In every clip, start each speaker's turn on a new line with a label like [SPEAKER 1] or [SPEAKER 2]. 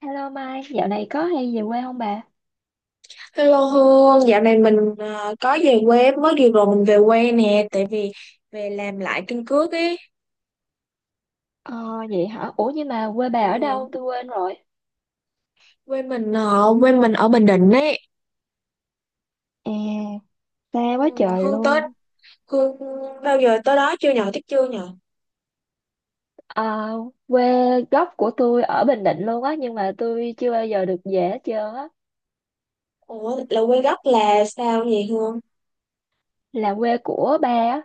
[SPEAKER 1] Hello Mai, dạo này có hay về quê không bà?
[SPEAKER 2] Hello Hương, dạo này mình có về quê mới vừa rồi mình về quê nè, tại vì về làm lại căn cước ấy.
[SPEAKER 1] Ờ, vậy hả? Ủa nhưng mà quê bà ở
[SPEAKER 2] Ừ,
[SPEAKER 1] đâu? Tôi quên rồi.
[SPEAKER 2] quê mình ở Bình Định ấy.
[SPEAKER 1] À,
[SPEAKER 2] Ừ,
[SPEAKER 1] xa quá trời
[SPEAKER 2] Hương tới
[SPEAKER 1] luôn.
[SPEAKER 2] Hương bao giờ tới đó chưa nhờ, thích chưa nhờ.
[SPEAKER 1] Ờ, quê gốc của tôi ở Bình Định luôn á, nhưng mà tôi chưa bao giờ được về hết trơn á.
[SPEAKER 2] Ủa là quê gốc là sao vậy Hương?
[SPEAKER 1] Là quê của ba á,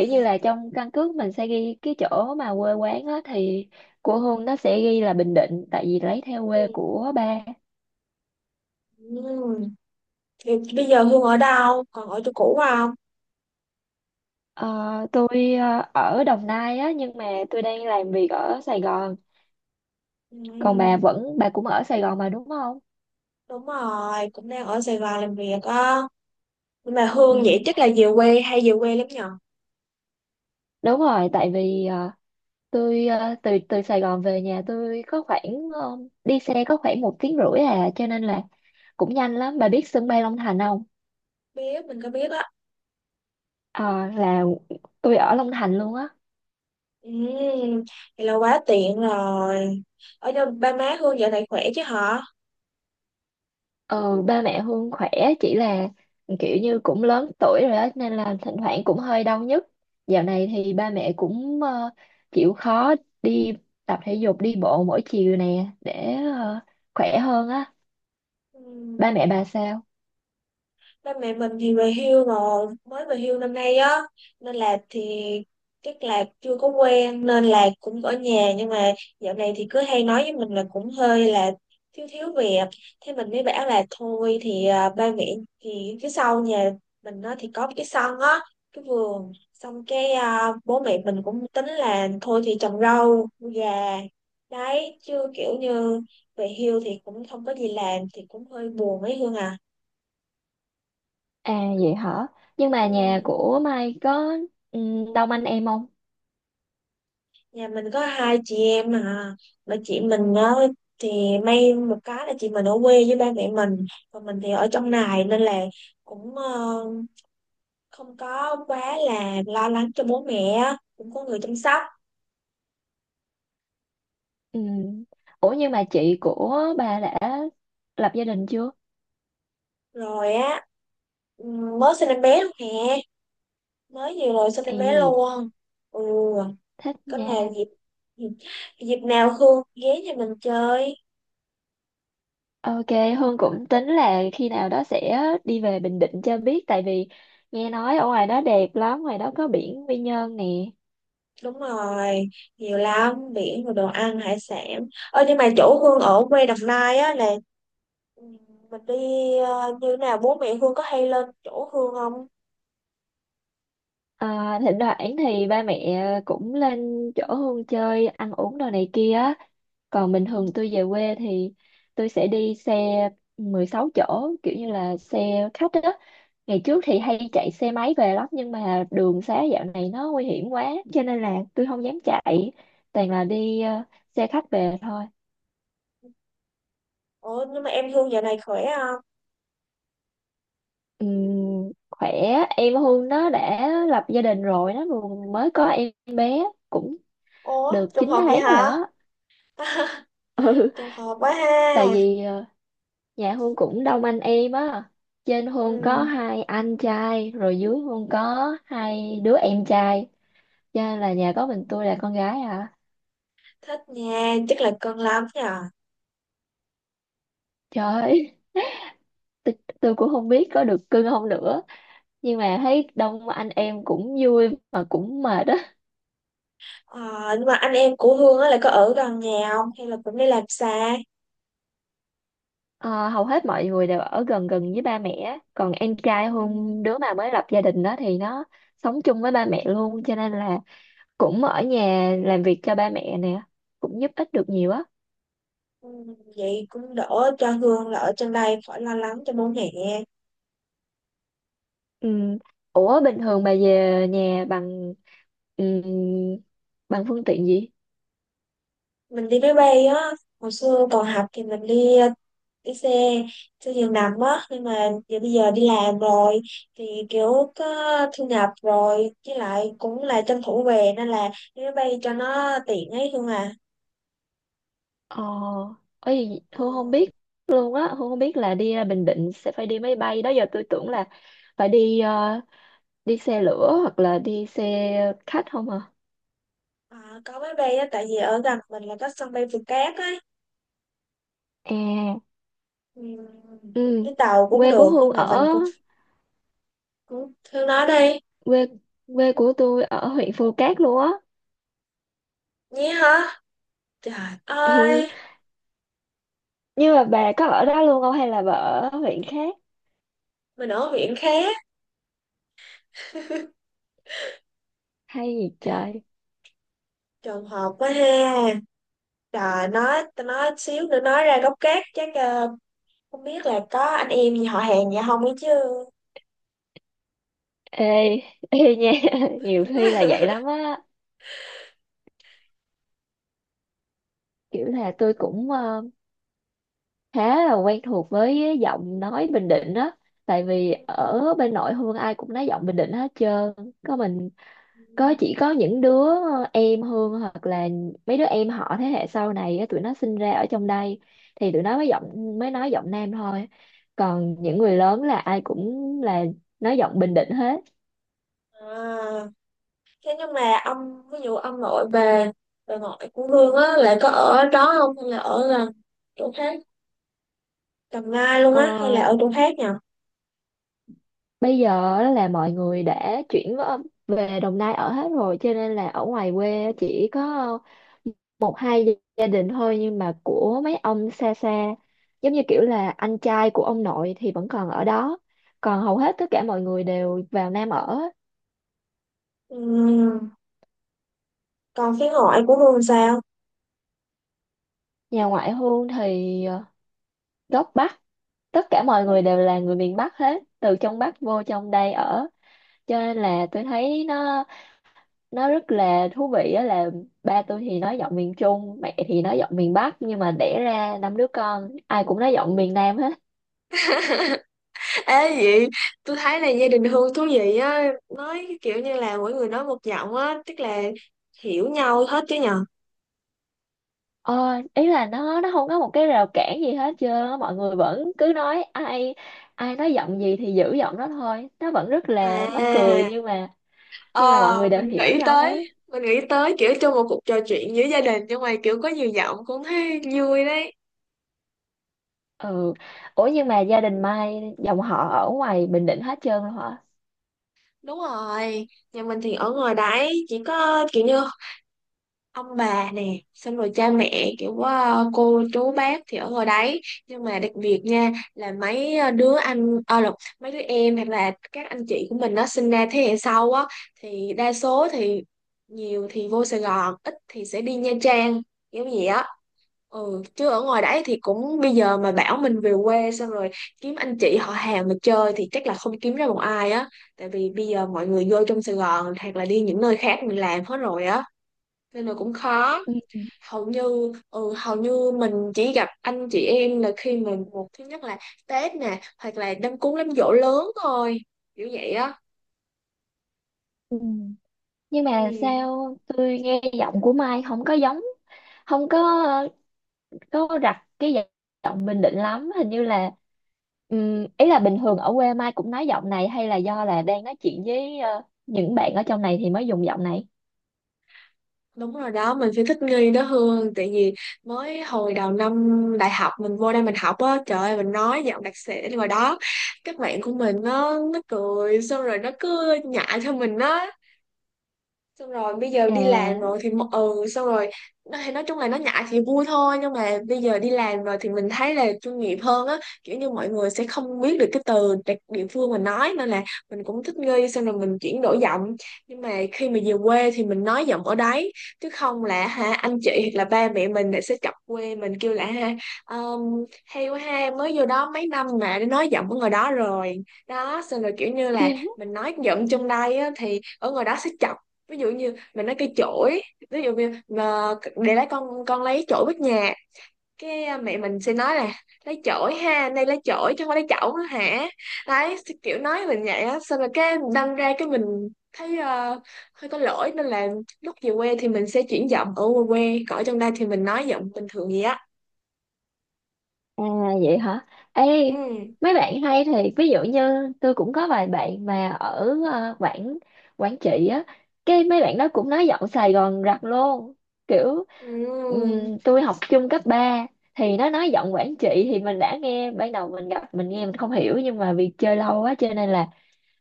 [SPEAKER 2] À,
[SPEAKER 1] như là trong căn cước mình sẽ ghi cái chỗ mà quê quán á, thì của Hương nó sẽ ghi là Bình Định, tại vì lấy theo quê
[SPEAKER 2] Ừ.
[SPEAKER 1] của ba.
[SPEAKER 2] ừ. Thì bây giờ Hương ở đâu? Còn ở chỗ cũ không?
[SPEAKER 1] Ờ, tôi ở Đồng Nai á, nhưng mà tôi đang làm việc ở Sài Gòn. Còn bà
[SPEAKER 2] Ừ,
[SPEAKER 1] vẫn bà cũng ở Sài Gòn mà đúng không?
[SPEAKER 2] đúng rồi, cũng đang ở Sài Gòn làm việc á. Nhưng mà Hương vậy
[SPEAKER 1] Ừ,
[SPEAKER 2] chắc là về quê hay về quê lắm nhờ?
[SPEAKER 1] đúng rồi, tại vì tôi từ từ Sài Gòn về nhà tôi có khoảng ờ, đi xe có khoảng một tiếng rưỡi à, cho nên là cũng nhanh lắm. Bà biết sân bay Long Thành không?
[SPEAKER 2] Biết mình có biết á.
[SPEAKER 1] Ờ, là tôi ở Long Thành luôn á.
[SPEAKER 2] Ừ, vậy là quá tiện rồi. Ở đâu ba má Hương dạo này khỏe chứ hả?
[SPEAKER 1] Ừ, ba mẹ Hương khỏe, chỉ là kiểu như cũng lớn tuổi rồi đó nên là thỉnh thoảng cũng hơi đau nhức. Dạo này thì ba mẹ cũng chịu khó đi tập thể dục, đi bộ mỗi chiều nè để khỏe hơn á. Ba
[SPEAKER 2] Ừ.
[SPEAKER 1] mẹ bà sao?
[SPEAKER 2] Ba mẹ mình thì về hưu rồi, mới về hưu năm nay á, nên là thì chắc là chưa có quen nên là cũng ở nhà, nhưng mà dạo này thì cứ hay nói với mình là cũng hơi là thiếu thiếu việc. Thế mình mới bảo là thôi thì ba mẹ thì phía sau nhà mình nó thì có cái sân á, cái vườn, xong bố mẹ mình cũng tính là thôi thì trồng rau nuôi gà. Đấy chứ kiểu như về hưu thì cũng không có gì làm thì cũng hơi buồn ấy Hương à.
[SPEAKER 1] À, vậy hả? Nhưng
[SPEAKER 2] Ừ.
[SPEAKER 1] mà nhà của Mai có đông anh em không?
[SPEAKER 2] Nhà mình có hai chị em à, mà chị mình á thì may một cái là chị mình ở quê với ba mẹ mình, còn mình thì ở trong này nên là cũng không có quá là lo lắng cho bố mẹ á, cũng có người chăm sóc.
[SPEAKER 1] Ừm. Ủa nhưng mà chị của bà đã lập gia đình chưa?
[SPEAKER 2] Rồi á, mới sinh em bé luôn nè, mới vừa rồi sinh em bé
[SPEAKER 1] Ê,
[SPEAKER 2] luôn. Ừ,
[SPEAKER 1] thích
[SPEAKER 2] có nào
[SPEAKER 1] nha.
[SPEAKER 2] dịp dịp nào Hương ghé nhà mình chơi.
[SPEAKER 1] Ok, Hương cũng tính là khi nào đó sẽ đi về Bình Định cho biết, tại vì nghe nói ở ngoài đó đẹp lắm, ngoài đó có biển Quy Nhơn nè.
[SPEAKER 2] Đúng rồi, nhiều lắm biển rồi đồ ăn hải sản. Ơ nhưng mà chỗ Hương ở quê Đồng Nai á là, Ừ, mình đi như nào bố mẹ Hương có hay lên chỗ Hương không?
[SPEAKER 1] À, thỉnh thoảng thì ba mẹ cũng lên chỗ Hương chơi, ăn uống đồ này kia. Còn bình
[SPEAKER 2] Ừ.
[SPEAKER 1] thường tôi về quê thì tôi sẽ đi xe 16 chỗ, kiểu như là xe khách đó. Ngày trước thì
[SPEAKER 2] Ừ.
[SPEAKER 1] hay chạy xe máy về lắm nhưng mà đường xá dạo này nó nguy hiểm quá cho nên là tôi không dám chạy, toàn là đi xe khách về thôi.
[SPEAKER 2] Ủa nhưng mà em Hương giờ này khỏe không?
[SPEAKER 1] Khỏe. Em Hương nó đã lập gia đình rồi, nó vừa mới có em bé cũng
[SPEAKER 2] Ủa
[SPEAKER 1] được
[SPEAKER 2] trùng
[SPEAKER 1] 9
[SPEAKER 2] hợp vậy
[SPEAKER 1] tháng rồi
[SPEAKER 2] hả?
[SPEAKER 1] á. Ừ,
[SPEAKER 2] Trùng hợp quá ha.
[SPEAKER 1] tại vì dạ Hương cũng đông anh em á. Trên Hương có
[SPEAKER 2] Ừ.
[SPEAKER 1] hai anh trai, rồi dưới Hương có hai đứa em trai. Cho nên là nhà có mình tôi là con gái à.
[SPEAKER 2] Thích nha, chắc là cưng lắm nhờ.
[SPEAKER 1] Trời ơi, tôi, tôi cũng không biết có được cưng không nữa. Nhưng mà thấy đông anh em cũng vui mà cũng mệt á.
[SPEAKER 2] Ờ, nhưng mà anh em của Hương á là có ở gần nhà không? Hay là cũng đi làm xa?
[SPEAKER 1] Ờ, hầu hết mọi người đều ở gần gần với ba mẹ á. Còn em trai
[SPEAKER 2] Ừ.
[SPEAKER 1] Hương, đứa mà mới lập gia đình đó thì nó sống chung với ba mẹ luôn. Cho nên là cũng ở nhà làm việc cho ba mẹ nè. Cũng giúp ích được nhiều á.
[SPEAKER 2] Ừ. Vậy cũng đỡ cho Hương là ở trên đây khỏi lo lắng cho bố mẹ.
[SPEAKER 1] Ừm, Ủa bình thường bà về nhà bằng ừm, bằng phương tiện gì?
[SPEAKER 2] Mình đi máy bay á, hồi xưa còn học thì mình đi xe xe giường nằm á, nhưng mà giờ bây giờ đi làm rồi thì kiểu có thu nhập rồi, với lại cũng là tranh thủ về nên là đi máy bay cho nó tiện ấy luôn à.
[SPEAKER 1] Ờ, ấy
[SPEAKER 2] Ừ.
[SPEAKER 1] Hương không biết luôn á, Hương không biết là đi ra Bình Định sẽ phải đi máy bay, đó giờ tôi tưởng là phải đi đi xe lửa hoặc là đi xe khách không à?
[SPEAKER 2] À có máy bay á, tại vì ở gần mình là có sân bay Phù Cát ấy.
[SPEAKER 1] À,
[SPEAKER 2] Ừ. Đi
[SPEAKER 1] ừ.
[SPEAKER 2] tàu cũng
[SPEAKER 1] Quê của
[SPEAKER 2] được
[SPEAKER 1] Hương
[SPEAKER 2] nhưng mà mình
[SPEAKER 1] ở
[SPEAKER 2] cũng cũng thương nó đi
[SPEAKER 1] quê quê của tôi ở huyện Phù Cát luôn á.
[SPEAKER 2] nhé hả, trời
[SPEAKER 1] Ừ.
[SPEAKER 2] ơi.
[SPEAKER 1] Nhưng mà bà có ở đó luôn không hay là bà ở huyện khác?
[SPEAKER 2] Mình ở huyện khác.
[SPEAKER 1] Hay gì trời?
[SPEAKER 2] Trùng hợp quá ha. Rồi nói tao nói xíu nữa nói ra gốc gác chắc không biết là có anh em gì họ hàng gì không ấy chứ.
[SPEAKER 1] Ê, ê nha, nhiều khi là vậy lắm á. Kiểu là tôi cũng khá là quen thuộc với giọng nói Bình Định á. Tại vì ở bên nội Hương ai cũng nói giọng Bình Định hết trơn. Có mình, có chỉ có những đứa em Hương hoặc là mấy đứa em họ thế hệ sau này á, tụi nó sinh ra ở trong đây thì tụi nó mới nói giọng Nam thôi. Còn những người lớn là ai cũng là nói giọng Bình Định hết.
[SPEAKER 2] À, thế nhưng mà ông ví dụ ông nội bà ngoại của Hương á là có ở đó không, hay là ở là chỗ khác Đồng Nai luôn
[SPEAKER 1] Ờ,
[SPEAKER 2] á, hay là ở chỗ khác nhỉ?
[SPEAKER 1] bây giờ á là mọi người đã về Đồng Nai ở hết rồi cho nên là ở ngoài quê chỉ có hai gia gia đình thôi, nhưng mà của mấy ông xa xa, giống như kiểu là anh trai của ông nội thì vẫn còn ở đó, còn hầu hết tất cả mọi người đều vào Nam ở.
[SPEAKER 2] Ừm, còn phía ngoại của Hương sao?
[SPEAKER 1] Nhà ngoại hôn thì gốc Bắc, tất cả mọi người đều là người miền Bắc hết, từ trong Bắc vô trong đây ở. Cho nên là tôi thấy nó rất là thú vị á, là ba tôi thì nói giọng miền Trung, mẹ thì nói giọng miền Bắc, nhưng mà đẻ ra năm đứa con ai cũng nói giọng miền Nam hết.
[SPEAKER 2] Ê vậy tôi thấy là gia đình Hương thú vị á, nói kiểu như là mỗi người nói một giọng á, tức là hiểu nhau hết chứ nhờ.
[SPEAKER 1] Ờ, ý là nó không có một cái rào cản gì hết trơn á, mọi người vẫn cứ nói, ai ai nói giọng gì thì giữ giọng đó thôi, nó vẫn rất là mắc cười,
[SPEAKER 2] À, Ờ,
[SPEAKER 1] nhưng mà mọi người đều
[SPEAKER 2] mình
[SPEAKER 1] hiểu
[SPEAKER 2] nghĩ
[SPEAKER 1] nhau hết.
[SPEAKER 2] tới mình nghĩ tới kiểu trong một cuộc trò chuyện giữa gia đình nhưng mà kiểu có nhiều giọng cũng thấy vui đấy.
[SPEAKER 1] Ừ, ủa nhưng mà gia đình Mai dòng họ ở ngoài Bình Định hết trơn rồi hả?
[SPEAKER 2] Đúng rồi, nhà mình thì ở ngoài đấy chỉ có kiểu như ông bà nè, xong rồi cha mẹ kiểu cô chú bác thì ở ngoài đấy. Nhưng mà đặc biệt nha, là mấy đứa anh ờ lộn, mấy đứa em hoặc là các anh chị của mình nó sinh ra thế hệ sau á, thì đa số thì nhiều thì vô Sài Gòn, ít thì sẽ đi Nha Trang kiểu gì á. Ừ, chứ ở ngoài đấy thì cũng bây giờ mà bảo mình về quê xong rồi kiếm anh chị họ hàng mà chơi thì chắc là không kiếm ra một ai á, tại vì bây giờ mọi người vô trong Sài Gòn hoặc là đi những nơi khác mình làm hết rồi á, nên là cũng khó.
[SPEAKER 1] Ừ.
[SPEAKER 2] Hầu như ừ, hầu như mình chỉ gặp anh chị em là khi mình một thứ nhất là Tết nè, hoặc là đám cúng đám giỗ lớn thôi, kiểu vậy á.
[SPEAKER 1] Ừ. Nhưng mà
[SPEAKER 2] Ừ,
[SPEAKER 1] sao tôi nghe giọng của Mai không có giống, không có có đặt cái giọng Bình Định lắm, hình như là ý là bình thường ở quê Mai cũng nói giọng này hay là do là đang nói chuyện với những bạn ở trong này thì mới dùng giọng này?
[SPEAKER 2] đúng rồi đó, mình phải thích nghi đó Hương, tại vì mới hồi đầu năm đại học mình vô đây mình học á, trời ơi mình nói giọng đặc sĩ ngoài đó, các bạn của mình nó cười xong rồi nó cứ nhại cho mình á, xong rồi bây giờ đi làm rồi
[SPEAKER 1] À,
[SPEAKER 2] thì ừ xong rồi thì nói chung là nó ngại thì vui thôi, nhưng mà bây giờ đi làm rồi thì mình thấy là chuyên nghiệp hơn á, kiểu như mọi người sẽ không biết được cái từ đặc địa phương mình nói nên là mình cũng thích nghi xong rồi mình chuyển đổi giọng. Nhưng mà khi mà về quê thì mình nói giọng ở đấy, chứ không là ha anh chị hoặc là ba mẹ mình lại sẽ chọc quê mình kêu là ha, hay quá ha, mới vô đó mấy năm mà đã nói giọng ở ngoài đó rồi đó. Xong rồi kiểu như là mình nói giọng trong đây á, thì ở ngoài đó sẽ chọc, ví dụ như mình nói cây chổi, ví dụ như mà để lấy con lấy chổi bếp nhà, mẹ mình sẽ nói là lấy chổi ha, đây lấy chổi chứ không phải lấy chậu nữa hả. Đấy, kiểu nói mình vậy á, xong rồi cái đâm ra cái mình thấy hơi có lỗi nên là lúc về quê thì mình sẽ chuyển giọng ở quê quê, còn ở trong đây thì mình nói giọng bình thường vậy á.
[SPEAKER 1] à, vậy hả? Ê,
[SPEAKER 2] Ừ.
[SPEAKER 1] mấy bạn hay thì ví dụ như tôi cũng có vài bạn mà ở Quảng Quảng Trị á, cái mấy bạn đó cũng nói giọng Sài Gòn rặt luôn. Kiểu
[SPEAKER 2] Ừ.
[SPEAKER 1] tôi học chung cấp 3 thì nó nói giọng Quảng Trị thì mình đã nghe, ban đầu mình gặp mình nghe mình không hiểu nhưng mà vì chơi lâu quá cho nên là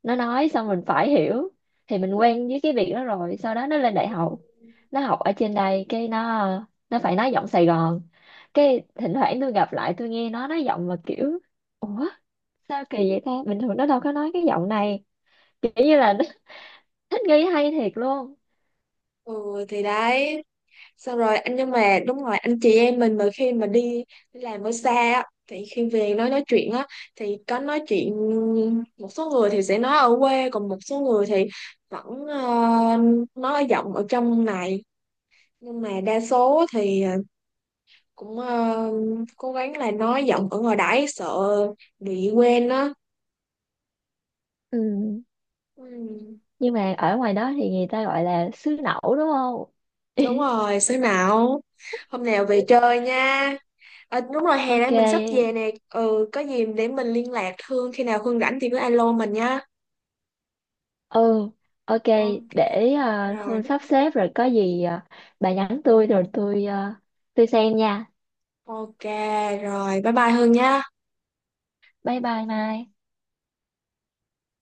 [SPEAKER 1] nó nói xong mình phải hiểu, thì mình quen với cái việc đó rồi. Sau đó nó lên đại
[SPEAKER 2] Ừ.
[SPEAKER 1] học, nó học ở trên đây cái nó phải nói giọng Sài Gòn, cái thỉnh thoảng tôi gặp lại tôi nghe nó nói giọng mà kiểu ủa, sao kỳ vậy ta, bình thường nó đâu có nói cái giọng này, kiểu như là nó thích nghi hay thiệt luôn.
[SPEAKER 2] Ừ thì đấy, xong rồi anh nhưng mà đúng rồi anh chị em mình mà khi mà đi đi làm ở xa á, thì khi về nói chuyện á thì có nói chuyện, một số người thì sẽ nói ở quê, còn một số người thì vẫn nói giọng ở trong này. Nhưng mà đa số thì cũng ờ, cố gắng là nói giọng ở ngoài đãi sợ bị quên á.
[SPEAKER 1] Ừ.
[SPEAKER 2] Ừ,
[SPEAKER 1] Nhưng mà ở ngoài đó thì người ta gọi là xứ nẩu đúng không?
[SPEAKER 2] đúng rồi xế nào hôm nào về chơi nha. Ờ, đúng rồi hè
[SPEAKER 1] Ok.
[SPEAKER 2] đây mình sắp về nè, ừ có gì để mình liên lạc Hương, khi nào Hương rảnh thì cứ alo mình nha.
[SPEAKER 1] Ừ, ok,
[SPEAKER 2] Ok,
[SPEAKER 1] để Hương
[SPEAKER 2] rồi.
[SPEAKER 1] sắp xếp rồi có gì bà nhắn tôi rồi tôi tôi xem nha.
[SPEAKER 2] Ok, rồi bye bye Hương nha.
[SPEAKER 1] Bye bye Mai.